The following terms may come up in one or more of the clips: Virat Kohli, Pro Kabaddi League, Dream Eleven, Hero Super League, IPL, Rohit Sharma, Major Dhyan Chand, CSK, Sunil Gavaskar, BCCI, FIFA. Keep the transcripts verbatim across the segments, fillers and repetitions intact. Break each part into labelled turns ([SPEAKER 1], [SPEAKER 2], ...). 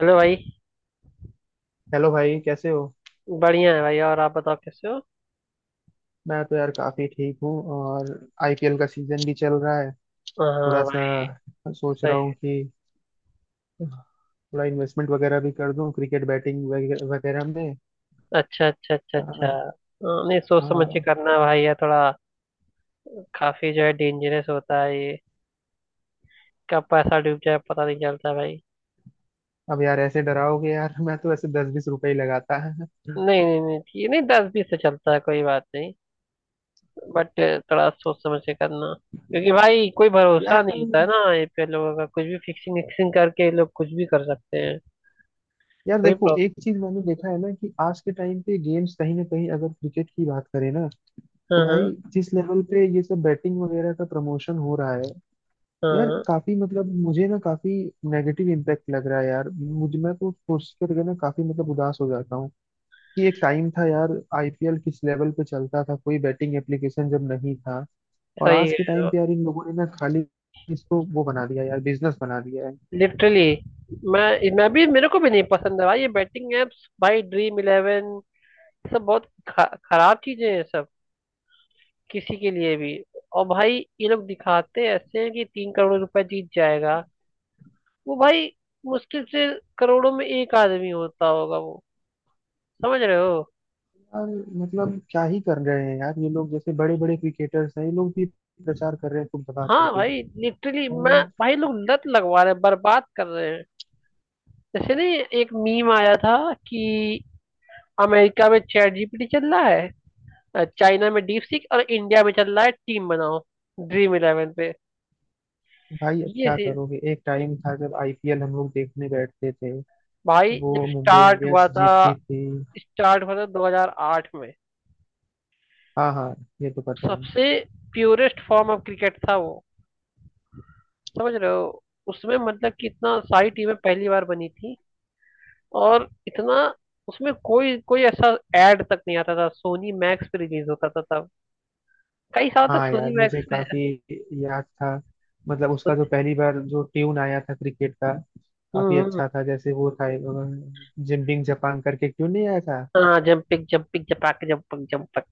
[SPEAKER 1] Hello भाई।
[SPEAKER 2] Hello भाई कैसे हो।
[SPEAKER 1] बढ़िया है भाई। और आप बताओ कैसे हो?
[SPEAKER 2] मैं तो यार काफी ठीक हूँ। और आईपीएल का सीजन भी चल रहा है। थोड़ा
[SPEAKER 1] हाँ
[SPEAKER 2] सा
[SPEAKER 1] भाई।
[SPEAKER 2] सोच
[SPEAKER 1] सही।
[SPEAKER 2] रहा हूँ कि थोड़ा इन्वेस्टमेंट वगैरह भी कर दूं क्रिकेट बैटिंग वगैरह वगैरह में।
[SPEAKER 1] अच्छा अच्छा अच्छा अच्छा
[SPEAKER 2] हाँ।
[SPEAKER 1] हाँ, नहीं सोच समझ के
[SPEAKER 2] हाँ।
[SPEAKER 1] करना भाई, ये थोड़ा काफी जो है डेंजरस होता है ये। कब पैसा डूब जाए पता नहीं चलता भाई।
[SPEAKER 2] अब यार ऐसे डराओगे यार, मैं तो ऐसे दस बीस रुपए ही लगाता है।
[SPEAKER 1] नहीं नहीं नहीं, ये नहीं दस बीस से चलता है, कोई बात नहीं। बट थोड़ा सोच समझ के करना, क्योंकि भाई कोई भरोसा
[SPEAKER 2] यार,
[SPEAKER 1] नहीं होता है ना ये पे लोगों का। कुछ भी फिक्सिंग विक्सिंग करके ये लोग कुछ भी कर सकते हैं।
[SPEAKER 2] यार
[SPEAKER 1] कोई
[SPEAKER 2] देखो
[SPEAKER 1] प्रॉब्लम।
[SPEAKER 2] एक चीज मैंने देखा है ना कि आज के टाइम पे गेम्स कहीं ना कहीं अगर क्रिकेट की बात करें ना तो
[SPEAKER 1] हाँ
[SPEAKER 2] भाई,
[SPEAKER 1] हाँ
[SPEAKER 2] जिस लेवल पे ये सब बैटिंग वगैरह का प्रमोशन हो रहा है यार
[SPEAKER 1] हाँ।
[SPEAKER 2] काफी मतलब मुझे ना काफी नेगेटिव इम्पैक्ट लग रहा है यार। मुझ मैं तो सोच करके ना काफी मतलब उदास हो जाता हूँ कि एक टाइम था यार, आईपीएल किस लेवल पे चलता था, कोई बैटिंग एप्लीकेशन जब नहीं था। और
[SPEAKER 1] सही
[SPEAKER 2] आज के
[SPEAKER 1] है।
[SPEAKER 2] टाइम पे यार इन लोगों ने ना खाली इसको वो बना दिया यार, बिजनेस बना दिया है।
[SPEAKER 1] लिटरली मैं मैं भी मेरे को भी नहीं पसंद है भाई ये बैटिंग एप्स, भाई ड्रीम इलेवन। सब बहुत ख- खराब चीजें हैं सब, किसी के लिए भी। और भाई ये लोग दिखाते ऐसे हैं कि तीन करोड़ रुपए जीत जाएगा वो भाई। मुश्किल से करोड़ों में एक आदमी होता होगा वो। समझ रहे हो।
[SPEAKER 2] यार मतलब क्या ही कर रहे हैं यार ये लोग, जैसे बड़े बड़े क्रिकेटर्स हैं ये लोग भी प्रचार कर रहे हैं खूब दबा
[SPEAKER 1] हाँ
[SPEAKER 2] करके।
[SPEAKER 1] भाई, लिटरली मैं
[SPEAKER 2] और
[SPEAKER 1] भाई लोग लत लगवा रहे हैं, बर्बाद कर रहे हैं। जैसे नहीं एक मीम आया था कि अमेरिका में चैट जीपीटी चल रहा है, चाइना में डीप सीक, और इंडिया में चल रहा है टीम बनाओ ड्रीम इलेवन पे।
[SPEAKER 2] भाई अब
[SPEAKER 1] ये
[SPEAKER 2] क्या
[SPEAKER 1] सीन
[SPEAKER 2] करोगे, एक टाइम था जब आईपीएल हम लोग देखने बैठते थे,
[SPEAKER 1] भाई। जब
[SPEAKER 2] वो मुंबई
[SPEAKER 1] स्टार्ट हुआ
[SPEAKER 2] इंडियंस
[SPEAKER 1] था
[SPEAKER 2] जीतती थी।
[SPEAKER 1] स्टार्ट हुआ था दो हज़ार आठ में।
[SPEAKER 2] हाँ हाँ, ये तो पता है।
[SPEAKER 1] सबसे प्योरेस्ट फॉर्म ऑफ क्रिकेट था वो। समझ रहे हो? उसमें मतलब कि इतना सारी टीमें पहली बार बनी थी। और इतना उसमें कोई कोई ऐसा एड तक नहीं आता था। सोनी मैक्स पे रिलीज होता था तब, कई साल तक
[SPEAKER 2] हाँ
[SPEAKER 1] सोनी
[SPEAKER 2] यार मुझे
[SPEAKER 1] मैक्स पे।
[SPEAKER 2] काफी याद था, मतलब उसका जो पहली बार जो ट्यून आया था क्रिकेट का, काफी
[SPEAKER 1] हम्म हम्म।
[SPEAKER 2] अच्छा था जैसे वो था जिम्बिंग जापान करके क्यों नहीं आया था।
[SPEAKER 1] हाँ जंपिक जंपिक जपाक जंपक जंपक,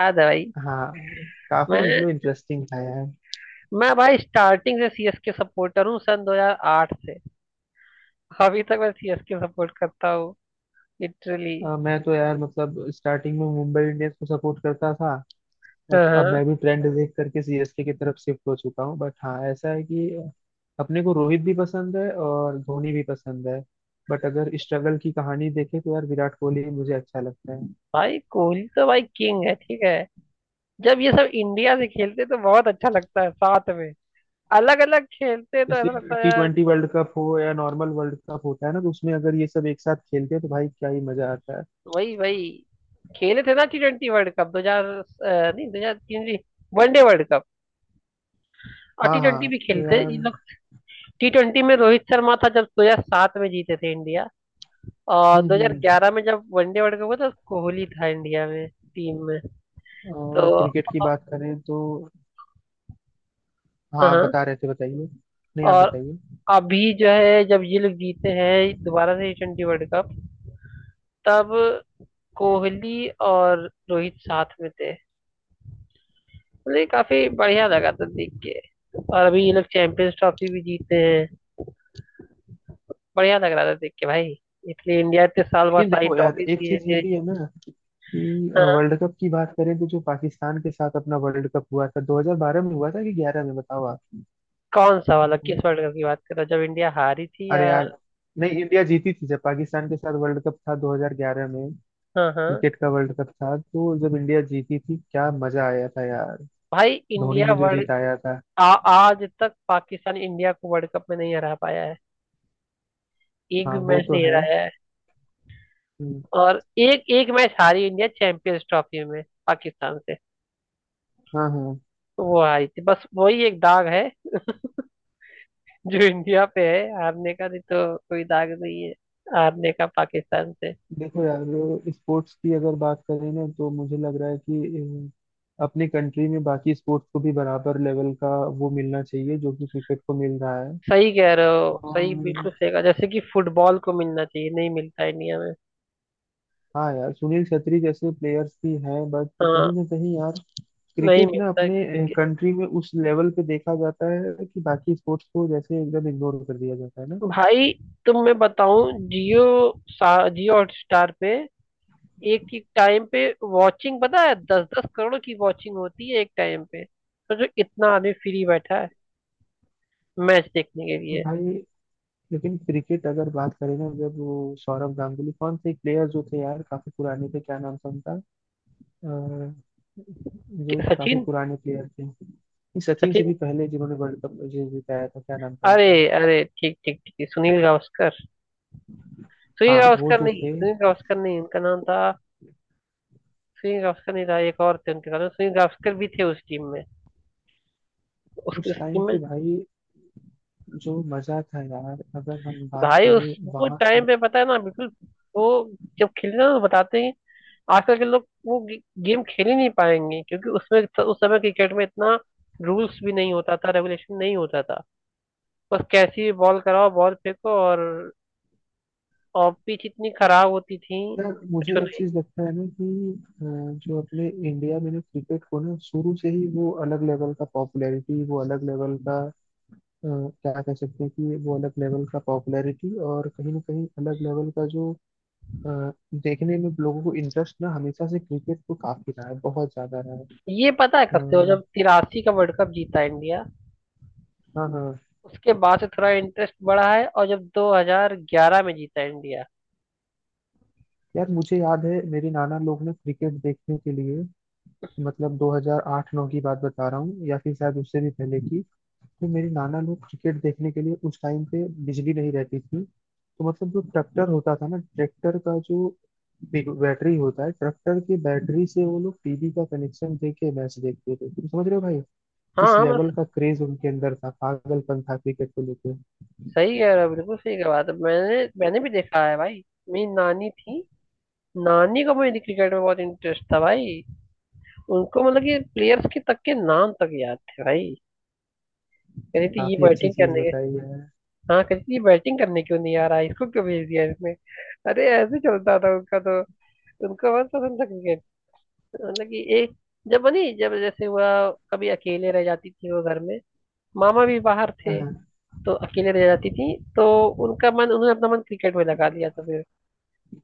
[SPEAKER 1] याद है भाई।
[SPEAKER 2] हाँ, काफी
[SPEAKER 1] मैं
[SPEAKER 2] मतलब इंटरेस्टिंग था यार।
[SPEAKER 1] मैं भाई स्टार्टिंग से सीएसके सपोर्टर हूँ सन दो हज़ार आठ से। अभी तक मैं सीएसके सपोर्ट करता हूँ। लिटरली।
[SPEAKER 2] अ, मैं तो यार मतलब स्टार्टिंग में मुंबई इंडियंस को सपोर्ट करता था,
[SPEAKER 1] हाँ
[SPEAKER 2] बट अब
[SPEAKER 1] हाँ।
[SPEAKER 2] मैं भी ट्रेंड देख करके सीएसके की तरफ शिफ्ट हो चुका हूँ। बट हाँ, ऐसा है कि अपने को रोहित भी पसंद है और धोनी भी पसंद है। बट अगर स्ट्रगल की कहानी देखें तो यार विराट कोहली ही मुझे अच्छा लगता है।
[SPEAKER 1] भाई कोहली तो भाई किंग है, ठीक है। जब ये सब इंडिया से खेलते तो बहुत अच्छा लगता है साथ में। अलग अलग खेलते तो
[SPEAKER 2] जैसे
[SPEAKER 1] ऐसा लगता है
[SPEAKER 2] टी
[SPEAKER 1] यार।
[SPEAKER 2] ट्वेंटी वर्ल्ड कप हो या नॉर्मल वर्ल्ड कप होता है ना, तो उसमें अगर ये सब एक साथ खेलते हैं तो भाई क्या ही मजा आता है।
[SPEAKER 1] वही वही खेले थे ना टी ट्वेंटी वर्ल्ड कप दो हजार नहीं, दो हजार तीन वनडे वर्ल्ड कप। और
[SPEAKER 2] हाँ
[SPEAKER 1] टी ट्वेंटी
[SPEAKER 2] हाँ,
[SPEAKER 1] भी
[SPEAKER 2] तो
[SPEAKER 1] खेलते
[SPEAKER 2] यार।
[SPEAKER 1] इन लोग। टी ट्वेंटी में रोहित शर्मा था जब दो हजार सात में जीते थे इंडिया। और
[SPEAKER 2] हम्म हम्म।
[SPEAKER 1] दो हज़ार ग्यारह में जब वनडे वर्ल्ड कप हुआ था कोहली था इंडिया में, टीम में।
[SPEAKER 2] और
[SPEAKER 1] तो
[SPEAKER 2] क्रिकेट की बात करें तो।
[SPEAKER 1] हाँ
[SPEAKER 2] हाँ
[SPEAKER 1] हाँ,
[SPEAKER 2] बता रहे थे, बताइए। नहीं, आप
[SPEAKER 1] और
[SPEAKER 2] बताइए।
[SPEAKER 1] अभी जो है जब ये लोग जीते हैं दोबारा से टी वर्ल्ड कप, तब कोहली और रोहित साथ में थे। मतलब ये काफी बढ़िया लगा था देख के। और अभी ये लोग चैंपियंस ट्रॉफी भी जीते हैं। बढ़िया लग रहा था देख के भाई। इसलिए इंडिया इतने साल बाद
[SPEAKER 2] लेकिन
[SPEAKER 1] सारी
[SPEAKER 2] देखो यार,
[SPEAKER 1] ट्रॉफी
[SPEAKER 2] एक चीज ये
[SPEAKER 1] जीते।
[SPEAKER 2] भी है ना कि
[SPEAKER 1] हाँ,
[SPEAKER 2] वर्ल्ड कप की बात करें तो जो पाकिस्तान के साथ अपना वर्ल्ड कप हुआ था दो हज़ार बारह में हुआ था कि ग्यारह में, बताओ आप।
[SPEAKER 1] कौन सा वाला
[SPEAKER 2] अम्म,
[SPEAKER 1] किस वर्ल्ड कप की बात कर रहे हो, जब इंडिया हारी थी या?
[SPEAKER 2] अरे यार, नहीं इंडिया जीती थी जब पाकिस्तान के साथ वर्ल्ड कप था दो हज़ार ग्यारह में।
[SPEAKER 1] हाँ हाँ।
[SPEAKER 2] क्रिकेट का वर्ल्ड कप था, तो जब इंडिया जीती थी क्या मजा आया था यार,
[SPEAKER 1] भाई
[SPEAKER 2] धोनी
[SPEAKER 1] इंडिया
[SPEAKER 2] ने जो
[SPEAKER 1] वर्ल्ड,
[SPEAKER 2] जिताया था।
[SPEAKER 1] आ, आज तक पाकिस्तान इंडिया को वर्ल्ड कप में नहीं हरा पाया है। एक
[SPEAKER 2] हाँ
[SPEAKER 1] भी
[SPEAKER 2] वो
[SPEAKER 1] मैच
[SPEAKER 2] तो
[SPEAKER 1] नहीं
[SPEAKER 2] है।
[SPEAKER 1] हराया है।
[SPEAKER 2] हम्म।
[SPEAKER 1] और एक एक मैच हारी इंडिया चैंपियंस ट्रॉफी में पाकिस्तान से।
[SPEAKER 2] हाँ हाँ।
[SPEAKER 1] तो वो हारी थी, बस वही एक दाग है जो इंडिया पे है हारने का, नहीं तो कोई दाग नहीं है हारने का पाकिस्तान से।
[SPEAKER 2] देखो यार, स्पोर्ट्स की अगर बात करें ना तो मुझे लग रहा है कि अम, अपने कंट्री में बाकी स्पोर्ट्स को भी बराबर लेवल का वो मिलना चाहिए जो कि क्रिकेट को मिल रहा है।
[SPEAKER 1] सही कह रहे हो, सही,
[SPEAKER 2] और
[SPEAKER 1] बिल्कुल सही कहा। जैसे कि फुटबॉल को मिलना चाहिए, नहीं मिलता इंडिया में।
[SPEAKER 2] हाँ यार, सुनील छेत्री जैसे प्लेयर्स भी हैं बट
[SPEAKER 1] हाँ।
[SPEAKER 2] कहीं ना कहीं यार
[SPEAKER 1] नहीं
[SPEAKER 2] क्रिकेट ना
[SPEAKER 1] मिलता
[SPEAKER 2] अपने कंट्री में उस लेवल पे देखा जाता है कि बाकी स्पोर्ट्स को जैसे एकदम इग्नोर कर दिया जाता है ना।
[SPEAKER 1] भाई। तुम मैं बताऊं जियो, सा जियो हॉटस्टार पे एक एक टाइम पे वॉचिंग पता है दस दस करोड़ की वॉचिंग होती है एक टाइम पे। तो जो इतना आदमी फ्री बैठा है मैच देखने के
[SPEAKER 2] तो
[SPEAKER 1] लिए।
[SPEAKER 2] भाई, लेकिन क्रिकेट अगर बात करें ना, जब वो सौरव गांगुली कौन से प्लेयर जो थे यार काफी पुराने थे, क्या नाम था उनका। अ,
[SPEAKER 1] कि-
[SPEAKER 2] जो काफी
[SPEAKER 1] सचिन
[SPEAKER 2] पुराने प्लेयर थे, इस सचिन से
[SPEAKER 1] सचिन
[SPEAKER 2] भी पहले जिन्होंने वर्ल्ड कप जीताया था, क्या नाम था
[SPEAKER 1] अरे
[SPEAKER 2] उनका।
[SPEAKER 1] अरे, ठीक ठीक ठीक, सुनील गावस्कर। सुनील
[SPEAKER 2] हाँ वो
[SPEAKER 1] गावस्कर
[SPEAKER 2] जो
[SPEAKER 1] नहीं,
[SPEAKER 2] थे,
[SPEAKER 1] सुनील गावस्कर नहीं उनका नाम था। सुनील गावस्कर नहीं था, एक और थे उनके साथ में, सुनील गावस्कर भी थे उस टीम में, उसकी
[SPEAKER 2] उस टाइम
[SPEAKER 1] टीम में।
[SPEAKER 2] पे भाई जो मजा था यार अगर हम बात
[SPEAKER 1] भाई
[SPEAKER 2] करें
[SPEAKER 1] उस वो
[SPEAKER 2] वहां
[SPEAKER 1] टाइम
[SPEAKER 2] से।
[SPEAKER 1] पे पता है ना बिल्कुल। वो जब खेलते ना तो बताते हैं। आजकल के लोग वो गे, गेम खेल ही नहीं पाएंगे, क्योंकि उसमें उस समय क्रिकेट में इतना रूल्स भी नहीं होता था, रेगुलेशन नहीं होता था। बस कैसी बॉल कराओ, बॉल फेंको। और और पिच इतनी खराब होती थी,
[SPEAKER 2] यार
[SPEAKER 1] कुछ
[SPEAKER 2] मुझे एक
[SPEAKER 1] नहीं।
[SPEAKER 2] चीज लगता है ना कि अ, जो अपने इंडिया में ना क्रिकेट को ना शुरू से ही वो अलग लेवल का पॉपुलैरिटी, वो अलग लेवल का अ, क्या कह सकते हैं कि वो अलग लेवल का पॉपुलैरिटी और कहीं ना कहीं अलग लेवल का जो अ, देखने में लोगों को इंटरेस्ट ना हमेशा से क्रिकेट को काफी रहा है, बहुत ज्यादा रहा है।
[SPEAKER 1] ये पता है कब से हो?
[SPEAKER 2] अ,
[SPEAKER 1] जब तिरासी का वर्ल्ड कप जीता इंडिया,
[SPEAKER 2] हाँ हाँ।
[SPEAKER 1] उसके बाद से थोड़ा इंटरेस्ट बढ़ा है, और जब दो हज़ार ग्यारह में जीता इंडिया।
[SPEAKER 2] यार मुझे याद है मेरे नाना लोग ना क्रिकेट देखने के लिए, मतलब दो हज़ार आठ-नौ की बात बता रहा हूँ या फिर शायद उससे भी पहले की। तो मेरे नाना लोग क्रिकेट देखने के लिए, उस टाइम पे बिजली नहीं रहती थी, तो मतलब जो ट्रैक्टर होता था ना, ट्रैक्टर का जो बैटरी होता है, ट्रैक्टर की बैटरी से वो लोग टीवी का कनेक्शन दे के मैच देखते थे। तुम समझ रहे हो भाई
[SPEAKER 1] हाँ
[SPEAKER 2] किस
[SPEAKER 1] हाँ, मैं
[SPEAKER 2] लेवल का क्रेज उनके अंदर था, पागलपन था क्रिकेट को लेकर।
[SPEAKER 1] सही कह रहा, बिल्कुल सही कह, बात है। मैंने मैंने भी देखा है भाई। मेरी नानी थी, नानी को मेरी क्रिकेट में बहुत इंटरेस्ट था भाई। उनको मतलब कि प्लेयर्स के तक के नाम तक याद थे भाई। कहती
[SPEAKER 2] तो
[SPEAKER 1] थी ये
[SPEAKER 2] काफी अच्छी
[SPEAKER 1] बैटिंग
[SPEAKER 2] चीज
[SPEAKER 1] करने के,
[SPEAKER 2] बताई है।
[SPEAKER 1] हाँ, कहती थी ये बैटिंग करने क्यों नहीं आ रहा है? इसको क्यों भेज दिया इसमें? अरे, ऐसे चलता था उनका तो। उनको बहुत पसंद था क्रिकेट। मतलब कि एक, जब बनी जब जैसे हुआ, कभी अकेले रह जाती थी वो घर में, मामा भी बाहर थे,
[SPEAKER 2] हाँ।
[SPEAKER 1] तो अकेले रह जाती थी। तो उनका मन उन्होंने अपना मन क्रिकेट में लगा लिया था फिर,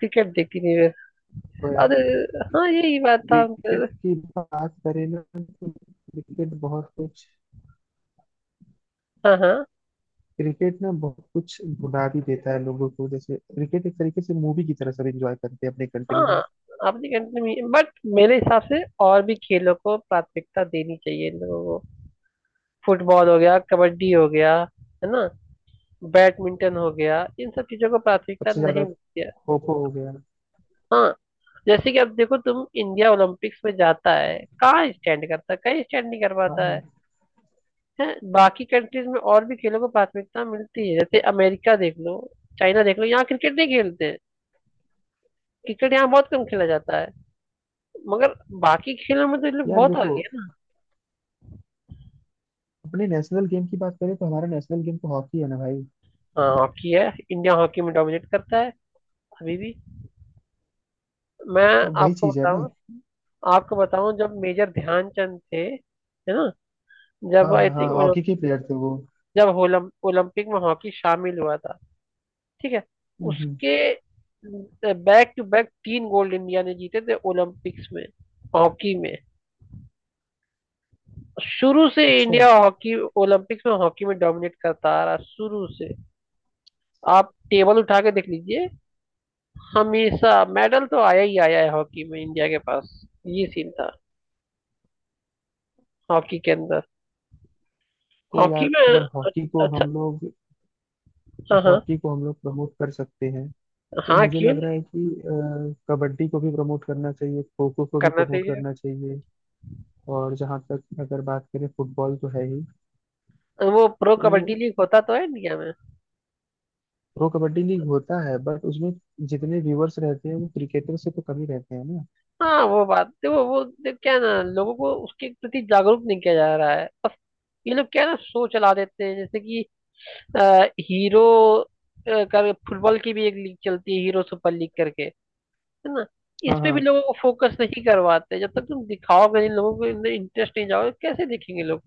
[SPEAKER 1] क्रिकेट देखती नहीं मैं।
[SPEAKER 2] तो यार
[SPEAKER 1] और हाँ, यही बात था अंकल।
[SPEAKER 2] क्रिकेट की बात करें ना तो क्रिकेट बहुत कुछ।
[SPEAKER 1] हाँ हाँ
[SPEAKER 2] क्रिकेट ना बहुत कुछ भुला भी देता है लोगों को, जैसे क्रिकेट एक तरीके से मूवी की तरह सब एंजॉय करते हैं अपने कंट्री में।
[SPEAKER 1] हाँ। आपने कंटिन्यू, बट मेरे हिसाब से और भी खेलों को प्राथमिकता देनी चाहिए इन लोगों को। फुटबॉल हो गया, कबड्डी हो गया, है ना, बैडमिंटन हो गया, इन सब चीजों को प्राथमिकता
[SPEAKER 2] सबसे ज्यादा।
[SPEAKER 1] नहीं मिलती है।
[SPEAKER 2] खो खो हो गया।
[SPEAKER 1] हाँ, जैसे कि अब देखो तुम इंडिया ओलंपिक्स में जाता है, कहाँ स्टैंड करता है, कहीं स्टैंड नहीं कर
[SPEAKER 2] हाँ
[SPEAKER 1] पाता है।
[SPEAKER 2] हाँ।
[SPEAKER 1] हैं? बाकी कंट्रीज में और भी खेलों को प्राथमिकता मिलती है, जैसे अमेरिका देख लो, चाइना देख लो, यहाँ क्रिकेट नहीं खेलते हैं। क्रिकेट यहाँ बहुत कम खेला जाता है। मगर बाकी खेलों में तो ये लोग
[SPEAKER 2] यार
[SPEAKER 1] बहुत
[SPEAKER 2] देखो
[SPEAKER 1] आगे हैं ना।
[SPEAKER 2] अपने नेशनल गेम की बात करें तो हमारा नेशनल गेम तो हॉकी है ना भाई।
[SPEAKER 1] हाँ हॉकी है। इंडिया हॉकी में डोमिनेट करता है अभी भी। मैं
[SPEAKER 2] तब वही
[SPEAKER 1] आपको
[SPEAKER 2] चीज है ना।
[SPEAKER 1] बताऊं आपको बताऊं जब मेजर ध्यानचंद थे है ना,
[SPEAKER 2] हाँ
[SPEAKER 1] जब आई
[SPEAKER 2] हाँ हाँ,
[SPEAKER 1] थिंक
[SPEAKER 2] हॉकी के प्लेयर थे वो।
[SPEAKER 1] जब ओलम, ओलंपिक में हॉकी शामिल हुआ था, ठीक है,
[SPEAKER 2] हम्म हम्म।
[SPEAKER 1] उसके बैक टू बैक तीन गोल्ड इंडिया ने जीते थे ओलंपिक्स में हॉकी में। शुरू से
[SPEAKER 2] अच्छा।
[SPEAKER 1] इंडिया हॉकी ओलंपिक्स में हॉकी में डोमिनेट करता आ रहा है, शुरू से। आप टेबल उठा के देख लीजिए, हमेशा मेडल तो आया ही आया है हॉकी में इंडिया के पास। ये सीन था हॉकी के अंदर,
[SPEAKER 2] तो यार
[SPEAKER 1] हॉकी में।
[SPEAKER 2] अगर हॉकी को
[SPEAKER 1] अच्छा,
[SPEAKER 2] हम लोग।
[SPEAKER 1] हाँ हाँ
[SPEAKER 2] हॉकी को हम लोग प्रमोट कर सकते हैं, तो
[SPEAKER 1] हाँ,
[SPEAKER 2] मुझे
[SPEAKER 1] क्यों
[SPEAKER 2] लग रहा
[SPEAKER 1] नहीं,
[SPEAKER 2] है कि अ, कबड्डी को भी प्रमोट करना चाहिए, खो खो को भी
[SPEAKER 1] करना
[SPEAKER 2] प्रमोट
[SPEAKER 1] चाहिए।
[SPEAKER 2] करना चाहिए। और जहाँ तक अगर बात करें फुटबॉल तो है ही।
[SPEAKER 1] वो प्रो
[SPEAKER 2] तो
[SPEAKER 1] कबड्डी लीग होता तो है इंडिया में।
[SPEAKER 2] प्रो कबड्डी लीग होता है बट उसमें जितने व्यूअर्स रहते हैं वो क्रिकेटर से तो कम ही रहते हैं ना।
[SPEAKER 1] हाँ वो बात, वो वो देख क्या है ना, लोगों को उसके प्रति जागरूक नहीं किया जा रहा है, बस। ये लोग क्या है ना, शो चला देते हैं जैसे कि अ, हीरो, अ, कर फुटबॉल की भी एक लीग चलती है हीरो सुपर लीग करके, है ना।
[SPEAKER 2] हाँ
[SPEAKER 1] इस पे भी
[SPEAKER 2] हाँ।
[SPEAKER 1] लोगों को फोकस नहीं करवाते, जब तक तुम दिखाओगे नहीं लोगों को, इनमें इंटरेस्ट नहीं जाओगे कैसे देखेंगे लोग।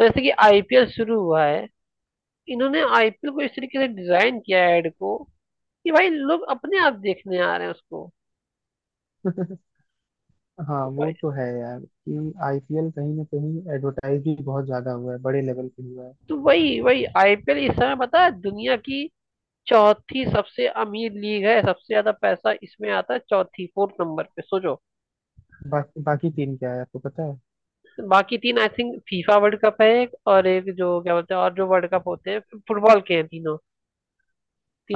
[SPEAKER 1] और जैसे कि आईपीएल शुरू हुआ है, इन्होंने आईपीएल को इस तरीके से डिजाइन किया है एड को, कि भाई लोग अपने आप देखने आ रहे हैं उसको।
[SPEAKER 2] हाँ वो तो है यार कि आईपीएल कहीं ना कहीं एडवर्टाइज भी बहुत ज्यादा हुआ है, बड़े लेवल पे हुआ है।
[SPEAKER 1] तो वही वही आईपीएल इस समय पता है दुनिया की चौथी सबसे अमीर लीग है, सबसे ज्यादा पैसा इसमें आता है, चौथी फोर्थ नंबर पे, सोचो।
[SPEAKER 2] बाकी बाकी टीम क्या है आपको पता है।
[SPEAKER 1] बाकी तीन I think FIFA World Cup है एक, और एक जो क्या बोलते हैं, और जो वर्ल्ड कप होते हैं फुटबॉल के, हैं तीनों,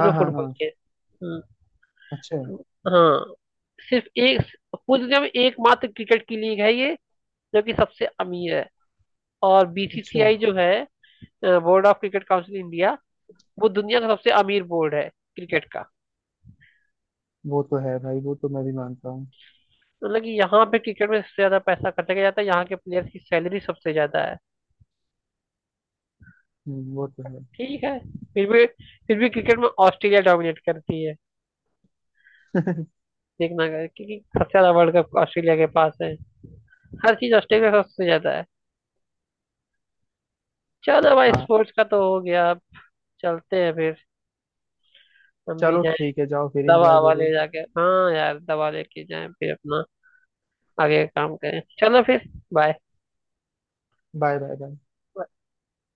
[SPEAKER 2] हाँ हाँ
[SPEAKER 1] फुटबॉल
[SPEAKER 2] हाँ।
[SPEAKER 1] के। हम्म,
[SPEAKER 2] अच्छा।
[SPEAKER 1] हाँ। सिर्फ एक, पूरी दुनिया में एकमात्र क्रिकेट की लीग है ये, जो कि सबसे अमीर है। और
[SPEAKER 2] अच्छा
[SPEAKER 1] बीसीसीआई जो है board of cricket council India, वो दुनिया का सबसे अमीर बोर्ड है क्रिकेट का।
[SPEAKER 2] वो तो है भाई, वो तो मैं भी मानता हूँ।
[SPEAKER 1] मतलब कि यहाँ पे क्रिकेट में सबसे ज्यादा पैसा खर्चा किया जाता है, यहाँ के प्लेयर्स की सैलरी सबसे ज्यादा है।
[SPEAKER 2] हम्म, वो तो है।
[SPEAKER 1] ठीक है। फिर भी, फिर भी क्रिकेट में ऑस्ट्रेलिया डोमिनेट करती है। देखना अगर- क्योंकि सबसे ज्यादा वर्ल्ड कप ऑस्ट्रेलिया के पास है, हर चीज ऑस्ट्रेलिया का सबसे ज्यादा है। चलो भाई,
[SPEAKER 2] हाँ।
[SPEAKER 1] स्पोर्ट्स का तो हो गया, चलते हैं फिर, हम भी
[SPEAKER 2] चलो
[SPEAKER 1] जाएं।
[SPEAKER 2] ठीक है, जाओ फिर
[SPEAKER 1] दवा
[SPEAKER 2] एंजॉय
[SPEAKER 1] हवा ले
[SPEAKER 2] करो।
[SPEAKER 1] जाके, हाँ यार दवा लेके जाएं फिर अपना आगे काम करें, चलो फिर। बाय।
[SPEAKER 2] Bye bye bye.